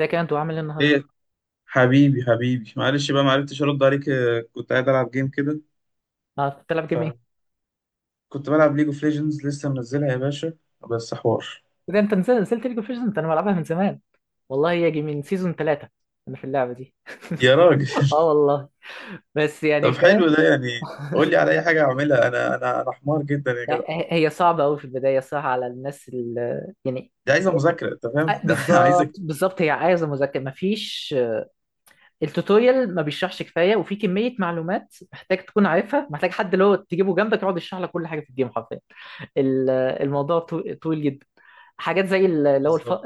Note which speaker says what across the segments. Speaker 1: ازيك يا انت وعامل ايه النهارده؟
Speaker 2: ايه حبيبي حبيبي معلش بقى معرفتش ارد عليك كنت قاعد العب جيم كده
Speaker 1: اه كنت بتلعب جيم
Speaker 2: فكنت
Speaker 1: ايه؟
Speaker 2: بلعب ليج اوف ليجندز لسه منزلها يا باشا بس حوار.
Speaker 1: ده انت نزلت ليج اوف ليجندز، انا بلعبها من زمان والله، يجي من سيزون ثلاثة انا في اللعبة دي.
Speaker 2: يا راجل
Speaker 1: اه والله، بس يعني
Speaker 2: طب حلو
Speaker 1: فاهم.
Speaker 2: ده، يعني قول لي على اي حاجه اعملها. انا حمار جدا يا
Speaker 1: ه-
Speaker 2: جدع.
Speaker 1: هي صعبة قوي في البداية، صح؟ على الناس اللي يعني
Speaker 2: دي عايزه مذاكره، انت فاهم ده
Speaker 1: بالظبط
Speaker 2: عايزك
Speaker 1: بالظبط، هي عايزة مذاكرة. مفيش التوتوريال، ما بيشرحش كفايه، وفي كميه معلومات محتاج تكون عارفها، محتاج حد اللي هو تجيبه جنبك يقعد يشرح لك كل حاجه في الجيم حرفيا. ال- الموضوع طويل جدا. حاجات زي اللي هو
Speaker 2: بالظبط.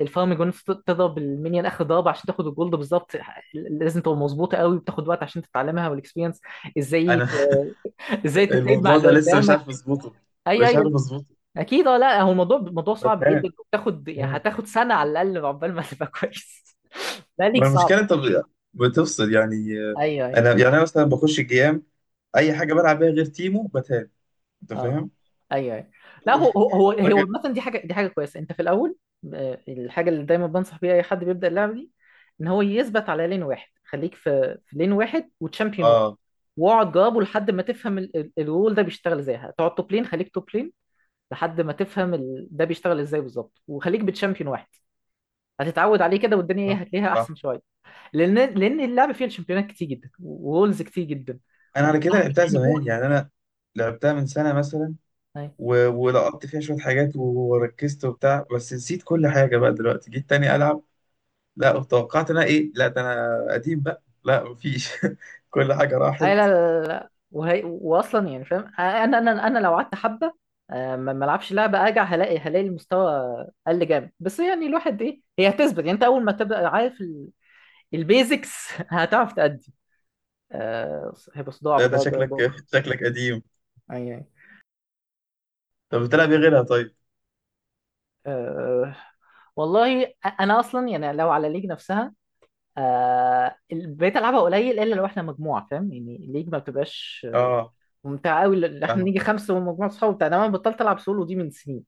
Speaker 1: الفارم جون، تضرب المينيون اخر ضربه عشان تاخد الجولد بالظبط. لازم تبقى مظبوطه قوي، وبتاخد وقت عشان تتعلمها، والاكسبيرينس ازاي،
Speaker 2: انا
Speaker 1: ازاي تتعامل مع
Speaker 2: الموضوع
Speaker 1: اللي
Speaker 2: ده لسه مش
Speaker 1: قدامك.
Speaker 2: عارف اظبطه،
Speaker 1: اي
Speaker 2: مش
Speaker 1: اي،
Speaker 2: عارف اظبطه
Speaker 1: اكيد، اه. لا هو موضوع صعب جدا،
Speaker 2: بتهان،
Speaker 1: وبتاخد يعني
Speaker 2: بتهان.
Speaker 1: هتاخد سنه على الاقل عقبال ما تبقى كويس. لا ليك
Speaker 2: ما المشكله،
Speaker 1: صعبه.
Speaker 2: بتفصل يعني. آه،
Speaker 1: ايوه ايوه،
Speaker 2: انا يعني انا مثلا بخش الجيام، اي حاجه بلعب بيها غير تيمو بتهان، انت
Speaker 1: اه
Speaker 2: فاهم؟
Speaker 1: ايوه ايوه. لا هو
Speaker 2: راجل.
Speaker 1: مثلا، دي حاجه، دي حاجه كويسه انت في الاول. الحاجه اللي دايما بنصح بيها اي حد بيبدا اللعبه دي، ان هو يثبت على لين واحد. خليك في لين واحد وتشامبيون واحد،
Speaker 2: اه
Speaker 1: واقعد جربه لحد ما تفهم الرول ده بيشتغل ازاي. هتقعد توب لين، خليك توب لين لحد ما تفهم ده بيشتغل ازاي بالظبط، وخليك بتشامبيون واحد. هتتعود عليه كده، والدنيا
Speaker 2: صح
Speaker 1: ايه، هتلاقيها
Speaker 2: صح.
Speaker 1: احسن شويه. لان اللعبه فيها الشامبيونات كتير جدا ورولز كتير جدا.
Speaker 2: انا على كده لعبتها
Speaker 1: احنا
Speaker 2: زمان، يعني انا لعبتها من سنه مثلا
Speaker 1: فوق.
Speaker 2: ولقطت فيها شويه حاجات وركزت وبتاع، بس نسيت كل حاجه بقى دلوقتي جيت تاني العب. لا توقعت انا ايه، لا ده انا قديم بقى، لا مفيش كل حاجه راحت.
Speaker 1: اي، لا لا لا لا. واصلا يعني فاهم، انا لو قعدت حبه، ما العبش لعبه، ارجع هلاقي المستوى قل جامد، بس يعني الواحد ايه، هي هتثبت. يعني انت اول ما تبقى عارف البيزكس هتعرف تأدي. هيبقى صداع
Speaker 2: لا ده
Speaker 1: بضرب
Speaker 2: شكلك
Speaker 1: باخر.
Speaker 2: شكلك قديم.
Speaker 1: اي اي.
Speaker 2: طب بتلعب ايه غيرها طيب؟
Speaker 1: أه... والله، انا اصلا يعني لو على الليج نفسها، بقيت العبها قليل الا لو احنا مجموعه. فاهم يعني الليج ما بتبقاش
Speaker 2: اه
Speaker 1: ممتع قوي اللي احنا نيجي
Speaker 2: فاهمك.
Speaker 1: خمسه من مجموعه صحاب بتاع ده. انا بطلت العب سولو دي من سنين.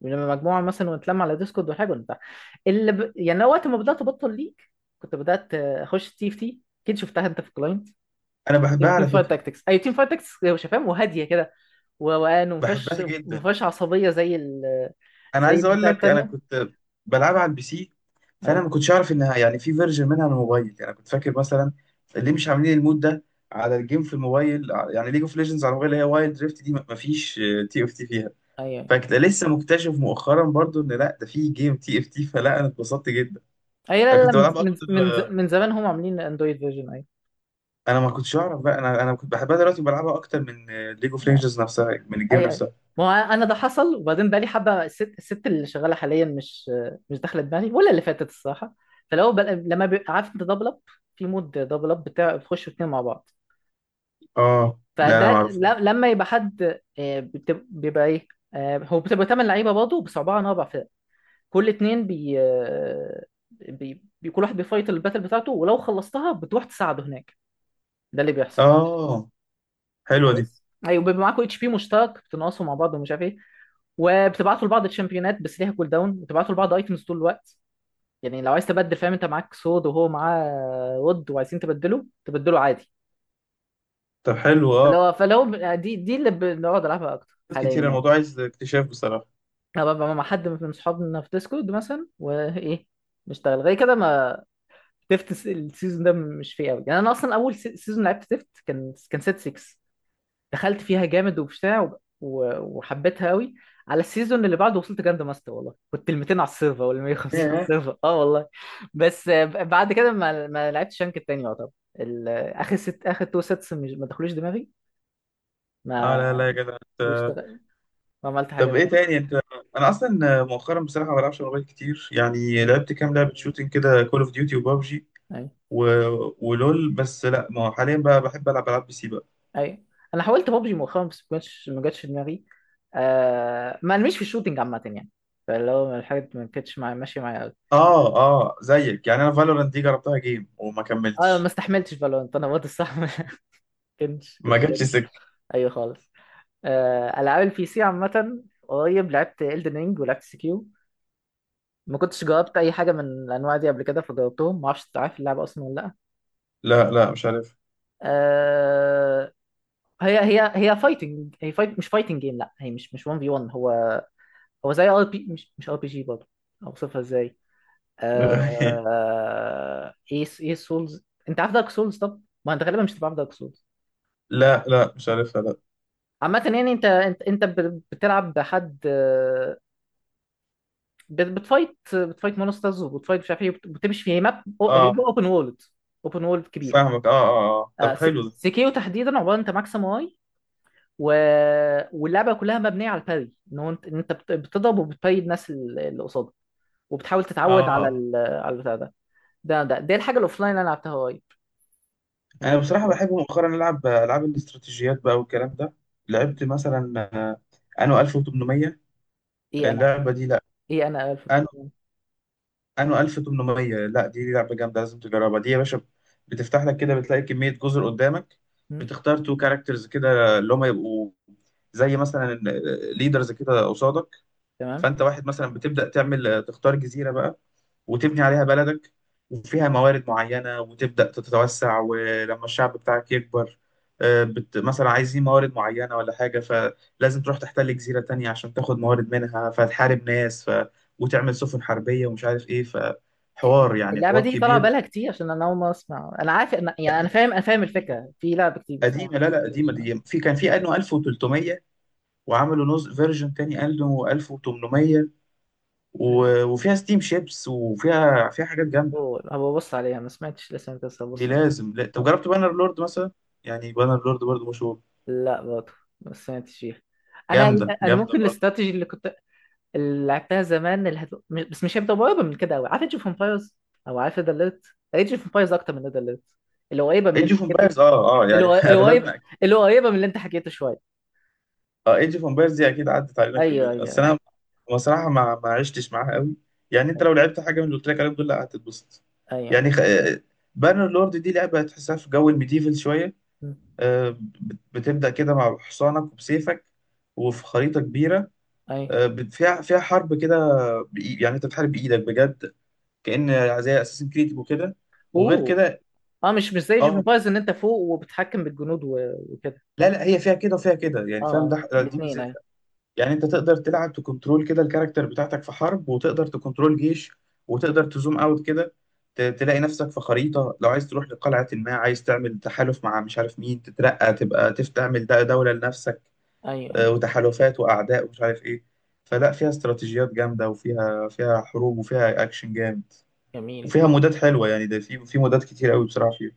Speaker 1: يعني لما مجموعه مثلا ونتلم على ديسكورد وحاجه وبتاع، يعني أنا وقت ما بدات ابطل ليج كنت بدات اخش تي اف تي، اكيد شفتها انت في الكلاينت.
Speaker 2: انا بحبها
Speaker 1: تيم
Speaker 2: على
Speaker 1: فايت
Speaker 2: فكره،
Speaker 1: تاكتكس، اي، تيم فايت تاكتكس، هو شفاهم وهاديه كده وروقان، وما فيهاش
Speaker 2: بحبها
Speaker 1: ما
Speaker 2: جدا.
Speaker 1: فيهاش عصبيه زي ال،
Speaker 2: انا
Speaker 1: زي
Speaker 2: عايز اقول
Speaker 1: البتاع
Speaker 2: لك انا
Speaker 1: التانيه.
Speaker 2: كنت بلعبها على البي سي، فانا
Speaker 1: ايوه
Speaker 2: ما كنتش اعرف انها يعني في فيرجن منها على الموبايل. يعني كنت فاكر مثلا اللي مش عاملين المود ده على الجيم في الموبايل، يعني ليج اوف ليجندز على الموبايل اللي هي وايلد دريفت دي، ما فيش تي اف تي فيها.
Speaker 1: ايوه ايوه.
Speaker 2: لسه مكتشف مؤخرا برضو ان لا ده في جيم تي اف تي فلا انا اتبسطت جدا.
Speaker 1: أيوة، لا
Speaker 2: انا
Speaker 1: لا لا،
Speaker 2: كنت
Speaker 1: من
Speaker 2: بلعب اكتر،
Speaker 1: من من زمان هم عاملين اندرويد فيرجن. ايوه،
Speaker 2: انا ما كنتش اعرف بقى. انا كنت بحبها، دلوقتي بلعبها اكتر من ليج اوف ليجندز نفسها، من الجيم
Speaker 1: اي اي.
Speaker 2: نفسها.
Speaker 1: ما هو انا ده حصل، وبعدين بقى لي حبه، الست اللي شغاله حاليا مش، مش داخله دماغي ولا اللي فاتت الصراحه. فلو بقى لما بيبقى عارف انت دبل اب، في مود دبل اب بتاع، بتخشوا اتنين مع بعض.
Speaker 2: اه لا
Speaker 1: فده
Speaker 2: لا ما
Speaker 1: اه،
Speaker 2: اعرفوش.
Speaker 1: لما يبقى حد بيبقى ايه، هو بتبقى تمن لعيبه برضه، بس عباره عن اربع فرق، كل اتنين بي كل واحد بيفايت الباتل بتاعته، ولو خلصتها بتروح تساعده هناك. ده اللي بيحصل.
Speaker 2: اه حلوه دي.
Speaker 1: نايس، ايوه، بيبقى معاكوا اتش بي مشترك، بتنقصوا مع بعض ومش عارف ايه، وبتبعتوا لبعض الشامبيونات بس ليها كول داون، وتبعتوا لبعض ايتمز طول الوقت. يعني لو عايز تبدل، فاهم؟ انت معاك سود وهو معاه ود وعايزين تبدله، تبدله عادي.
Speaker 2: طب حلو اه،
Speaker 1: فلو دي، اللي بنقعد نلعبها اكتر حاليا
Speaker 2: كتير.
Speaker 1: يعني.
Speaker 2: الموضوع عايز اكتشاف بصراحة.
Speaker 1: انا ببقى مع حد من صحابنا في ديسكورد مثلا وايه، نشتغل غير كده. ما تفت السيزون ده مش فيه قوي، يعني انا اصلا اول سيزون لعبت تفت كان سيت 6، دخلت فيها جامد وبتاع، وحبيتها قوي. على السيزون اللي بعده وصلت جراند ماستر، والله كنت ال 200 على السيرفر ولا 150 على
Speaker 2: ياه.
Speaker 1: السيرفر، اه والله. بس بعد كده ما لعبتش رانك التاني يعتبر. اخر ست، اخر تو سيتس، مش، ما دخلوش دماغي.
Speaker 2: اه
Speaker 1: ما،
Speaker 2: لا لا يا جدع انت.
Speaker 1: واشتغل، ما عملت
Speaker 2: طب
Speaker 1: حاجات
Speaker 2: ايه تاني
Speaker 1: تانية.
Speaker 2: انت؟ انا اصلا مؤخرا بصراحة ما بلعبش موبايل كتير. يعني لعبت كام لعبة شوتينج كده، كول اوف ديوتي وبابجي
Speaker 1: اي
Speaker 2: و... ولول. بس لا، ما هو حاليا بقى بحب العب العاب بي سي بقى.
Speaker 1: اي. انا حاولت بابجي مؤخرا بس ما جاتش، ما جاتش دماغي. آه، ما مش في الشوتينج عامه يعني. فاللي هو الحاجات ما كانتش معايا، ماشيه معايا قوي.
Speaker 2: اه اه زيك يعني. انا فالورانت دي جربتها جيم وما
Speaker 1: اه، ما
Speaker 2: كملتش،
Speaker 1: استحملتش فالورانت انا برضه الصح. ما
Speaker 2: ما
Speaker 1: كنتش قادر.
Speaker 2: جاتش سك.
Speaker 1: ايوه خالص. العاب البي سي عامه، قريب لعبت Elden Ring ولعبت سكيو. ما كنتش جربت اي حاجه من الانواع دي قبل كده، فجربتهم. ما اعرفش، عارف اللعبه اصلا ولا لا؟
Speaker 2: لا لا مش عارف
Speaker 1: أه، هي فايتنج، هي فايت، مش فايتنج جيم، لا، هي مش، مش 1 في 1. هو هو زي ار بي، مش مش ار بي جي برضه. اوصفها ازاي؟ أه، ايه ايه، سولز، انت عارف دارك سولز؟ طب ما انت غالبا مش تبقى عارف دارك سولز.
Speaker 2: لا لا مش عارفها لا.
Speaker 1: عامة يعني انت بتلعب بحد، بتفايت مونسترز، وبتفايت مش عارف ايه، بتمشي في ماب
Speaker 2: اه
Speaker 1: اوبن وورلد، اوبن وورلد كبير.
Speaker 2: فاهمك، اه اه اه.
Speaker 1: آه،
Speaker 2: طب
Speaker 1: س-
Speaker 2: حلو ده.
Speaker 1: سيكيو تحديدا، عباره انت ماكسيم واي و... واللعبه كلها مبنيه على الباري، ان هو انت، بتضرب وبتباري الناس اللي قصادك، وبتحاول
Speaker 2: اه
Speaker 1: تتعود على
Speaker 2: آه.
Speaker 1: على البتاع ده. ده دي الحاجه الاوفلاين اللي انا لعبتها قريب، اللي
Speaker 2: انا
Speaker 1: انا
Speaker 2: بصراحه
Speaker 1: فاكرها.
Speaker 2: بحب مؤخرا العب العاب الاستراتيجيات بقى والكلام ده. لعبت مثلا انو 1800،
Speaker 1: ايه انا،
Speaker 2: اللعبه دي. لا
Speaker 1: ايه انا
Speaker 2: انو
Speaker 1: 1300.
Speaker 2: انو 1800، لا دي لعبه جامده لازم تجربها دي يا باشا. بتفتح لك كده، بتلاقي كميه جزر قدامك،
Speaker 1: مم،
Speaker 2: بتختار تو كاركترز كده اللي هم يبقوا زي مثلا ليدرز كده قصادك.
Speaker 1: تمام.
Speaker 2: فانت واحد مثلا بتبدا تعمل، تختار جزيره بقى وتبني عليها بلدك، وفيها موارد معينة، وتبدأ تتوسع. ولما الشعب بتاعك يكبر، مثلا عايزين موارد معينة ولا حاجة، فلازم تروح تحتل جزيرة تانية عشان تاخد موارد منها، فتحارب ناس وتعمل سفن حربية ومش عارف إيه، فحوار يعني،
Speaker 1: اللعبه
Speaker 2: حوار
Speaker 1: دي طالعه
Speaker 2: كبير.
Speaker 1: بالها كتير، عشان انا اول مره اسمع. انا عارف، انا
Speaker 2: لا
Speaker 1: يعني انا
Speaker 2: ده
Speaker 1: فاهم، انا فاهم
Speaker 2: قديمة،
Speaker 1: الفكره في لعبه كتير، بس أنا
Speaker 2: قديمة.
Speaker 1: ما
Speaker 2: لا لا قديمة
Speaker 1: شفتهاش.
Speaker 2: دي، في كان في أنو 1300، وعملوا نوز فيرجن تاني أنو 1800 وفيها ستيم شيبس، وفيها فيها حاجات جامدة.
Speaker 1: أوه، هبقى ابص عليها، ما سمعتش لسه انت، بس
Speaker 2: دي
Speaker 1: هبص عليها.
Speaker 2: لازم، لا طب جربت بانر لورد مثلا؟ يعني بانر لورد برضه مشهور.
Speaker 1: لا برضه ما سمعتش فيها. انا،
Speaker 2: جامده،
Speaker 1: انا
Speaker 2: جامده
Speaker 1: ممكن
Speaker 2: برضه.
Speaker 1: الاستراتيجي اللي كنت، اللي لعبتها زمان، اللي بس مش هيبدا قريبه من كده قوي، عارف ايج اوف امبايرز؟ او عارف ريد اليرت؟ ايج اوف امبايرز اكتر من ريد اليرت اللي قريبه من اللي
Speaker 2: ايج
Speaker 1: انت
Speaker 2: اوف
Speaker 1: حكيته.
Speaker 2: امبايرز اه اه،
Speaker 1: اللي
Speaker 2: يعني
Speaker 1: قر-
Speaker 2: اغلبنا
Speaker 1: قريبه،
Speaker 2: أكيد.
Speaker 1: اللي قريبه من اللي انت حكيته شويه.
Speaker 2: اه ايج اوف امبايرز دي اكيد عدت علينا
Speaker 1: ايوه
Speaker 2: كلنا،
Speaker 1: ايوه
Speaker 2: بس انا
Speaker 1: ايوه،
Speaker 2: بصراحه ما عشتش معاها قوي. يعني انت لو لعبت حاجه من اللي قلت لك عليهم دول، لا هتتبسط.
Speaker 1: ايوه ايوه.
Speaker 2: يعني خ... بانر لورد دي لعبه تحسها في جو الميديفل شويه.
Speaker 1: م.
Speaker 2: بتبدا كده مع حصانك وبسيفك، وفي خريطه كبيره.
Speaker 1: ايوه.
Speaker 2: فيها فيها حرب كده. يعني انت بتحارب بايدك بجد، كأن زي اساسن كريد وكده. وغير
Speaker 1: اوه،
Speaker 2: كده
Speaker 1: اه مش، مش زي ايج اوف
Speaker 2: اه،
Speaker 1: امبايرز ان انت فوق وبتحكم بالجنود وكده.
Speaker 2: لا لا هي فيها كده وفيها كده، يعني فاهم
Speaker 1: اه
Speaker 2: ده دي
Speaker 1: الاثنين، ايوه
Speaker 2: ميزتها. يعني انت تقدر تلعب تكنترول كده الكاركتر بتاعتك في حرب، وتقدر تكنترول جيش، وتقدر تزوم اوت كده، تلاقي نفسك في خريطة، لو عايز تروح لقلعة، ما عايز تعمل تحالف مع مش عارف مين، تترقى تبقى تعمل ده دولة لنفسك،
Speaker 1: ايوه ايوه.
Speaker 2: وتحالفات وأعداء ومش عارف إيه. فلا فيها استراتيجيات جامدة، وفيها فيها حروب، وفيها أكشن جامد،
Speaker 1: جميل
Speaker 2: وفيها
Speaker 1: جميل.
Speaker 2: مودات حلوة. يعني ده في في مودات كتير قوي بصراحة فيها.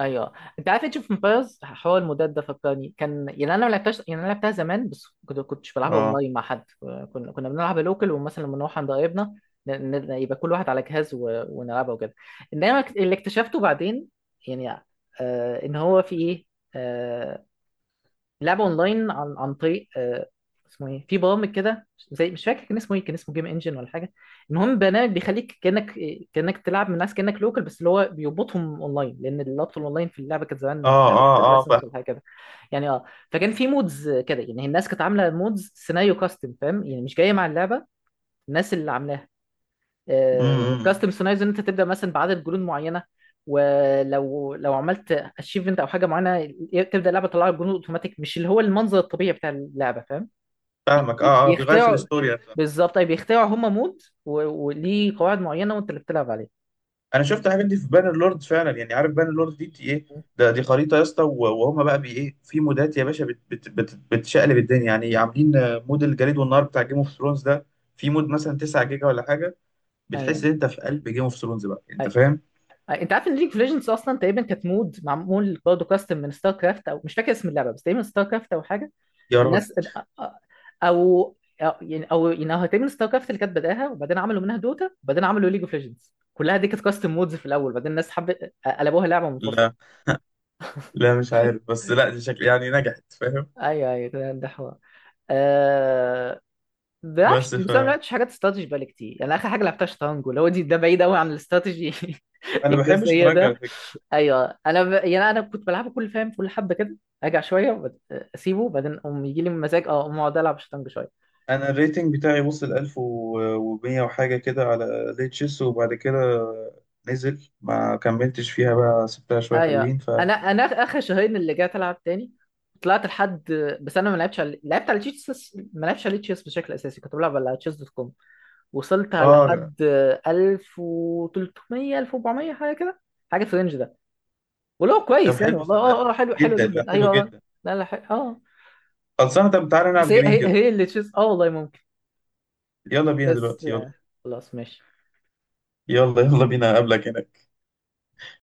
Speaker 1: ايوه، انت عارف ايج اوف امبايرز، حوار المودات ده فكرني، كان يعني انا ما لعبتهاش، يعني انا لعبتها زمان بس كنت، كنتش بلعبها
Speaker 2: اه
Speaker 1: اونلاين مع حد. كنا بنلعب لوكال، ومثلا لما نروح عند قرايبنا، ن- يبقى كل واحد على جهاز ونلعبها وكده. انما اللي اكتشفته بعدين يعني، آه، ان هو في ايه، آه، لعبه اونلاين عن طريق اسمه ايه، في برامج كده زي، مش فاكر كان اسمه ايه، كان اسمه جيم انجن ولا حاجه. المهم برنامج بيخليك كانك، كانك تلعب من ناس كانك لوكال، بس اللي هو بيربطهم اونلاين، لان اللابط الاونلاين في اللعبه كانت زمان، مش
Speaker 2: اه
Speaker 1: فاكر،
Speaker 2: اه
Speaker 1: محتاج
Speaker 2: اه
Speaker 1: لايسنس
Speaker 2: فاهم.
Speaker 1: ولا حاجه كده. يعني اه. فكان في مودز كده، يعني الناس كانت عامله مودز سيناريو كاستم، فاهم يعني مش جايه مع اللعبه، الناس اللي عاملاها
Speaker 2: إمم، إمم.
Speaker 1: كاستم سيناريوز، ان انت تبدا مثلا بعدد جنود معينه، ولو عملت اتشيفمنت او حاجه معينه، تبدا اللعبه تطلع لك جنود اوتوماتيك، مش اللي هو المنظر الطبيعي بتاع اللعبه، فاهم؟
Speaker 2: فاهمك اه اه، بيغير في
Speaker 1: بيخترعوا،
Speaker 2: الاستوري نفسها.
Speaker 1: بالظبط، اي بيخترعوا هم مود، وليه قواعد معينه، وانت اللي بتلعب عليه.
Speaker 2: انا شفت الحاجات دي في بانر لورد فعلا. يعني عارف بانر لورد دي بت- ايه ده دي خريطه يا اسطى، وهم بقى بي ايه في مودات يا باشا بت بت بت بتشقلب الدنيا، يعني عاملين مود الجليد والنار بتاع جيم اوف ثرونز ده. في مود مثلا 9 جيجا ولا حاجه، بتحس
Speaker 1: ايوه
Speaker 2: ان انت في قلب جيم اوف ثرونز بقى، انت
Speaker 1: ايوه.
Speaker 2: فاهم.
Speaker 1: انت عارف ان ليج اوف ليجندز اصلا تقريبا كانت مود معمول برضه كاستم من ستار كرافت، او مش فاكر اسم اللعبه، بس تقريبا ستار كرافت او حاجه.
Speaker 2: يا راجل
Speaker 1: الناس، او يعني، او يعني هتعمل ستار كرافت اللي كانت بداها، وبعدين عملوا منها دوتا، وبعدين عملوا ليج اوف ليجندز. كلها دي كانت كاستم مودز في الاول، بعدين الناس حبت، قلبوها لعبه منفصله.
Speaker 2: لا لا مش عارف، بس لا دي شكل يعني نجحت، فاهم.
Speaker 1: ايوه ايوه، ده حوار. آه... بلعبش،
Speaker 2: بس ف
Speaker 1: بس أنا ما لعبتش حاجات استراتيجي بقالي كتير. يعني اخر حاجه لعبتها شطرنج، اللي هو دي، ده بعيد قوي عن الاستراتيجي.
Speaker 2: انا بحب
Speaker 1: الجزئيه
Speaker 2: الشطرنج على
Speaker 1: ده.
Speaker 2: فكره،
Speaker 1: ايوه، يعني انا كنت بلعبه كل، فاهم كل حبه كده، ارجع شويه، اسيبه، بعدين اقوم يجي لي مزاج، اه اقوم اقعد العب شطرنج شويه.
Speaker 2: انا الريتنج بتاعي وصل 1100 وحاجه كده على ليتشيس، وبعد كده نزل ما كملتش فيها بقى، سبتها شويه
Speaker 1: ايوه،
Speaker 2: حلوين ف
Speaker 1: انا اخر شهرين اللي جيت العب تاني، طلعت لحد، بس انا ما لعبتش على، لعبت على تشيس، ما لعبتش على تشيس بشكل اساسي، كنت بلعب على تشيس دوت كوم. وصلت
Speaker 2: اه.
Speaker 1: لحد 1300، 1400 حاجه كده، حاجه في الرينج ده. ولو
Speaker 2: طب
Speaker 1: كويس يعني
Speaker 2: حلو
Speaker 1: والله، اه اه،
Speaker 2: صدقني
Speaker 1: حلو حلو
Speaker 2: جدا،
Speaker 1: جدا،
Speaker 2: لا حلو
Speaker 1: ايوه.
Speaker 2: جدا.
Speaker 1: لا لا، حلو. اه،
Speaker 2: خلصانه، طب تعالى نلعب
Speaker 1: بس هي
Speaker 2: جيمين
Speaker 1: هي،
Speaker 2: كده.
Speaker 1: هي اللي تشيس، اه والله ممكن.
Speaker 2: يلا بينا
Speaker 1: بس
Speaker 2: دلوقتي، يلا
Speaker 1: خلاص ماشي.
Speaker 2: يلا، يلا بينا اقابلك هناك.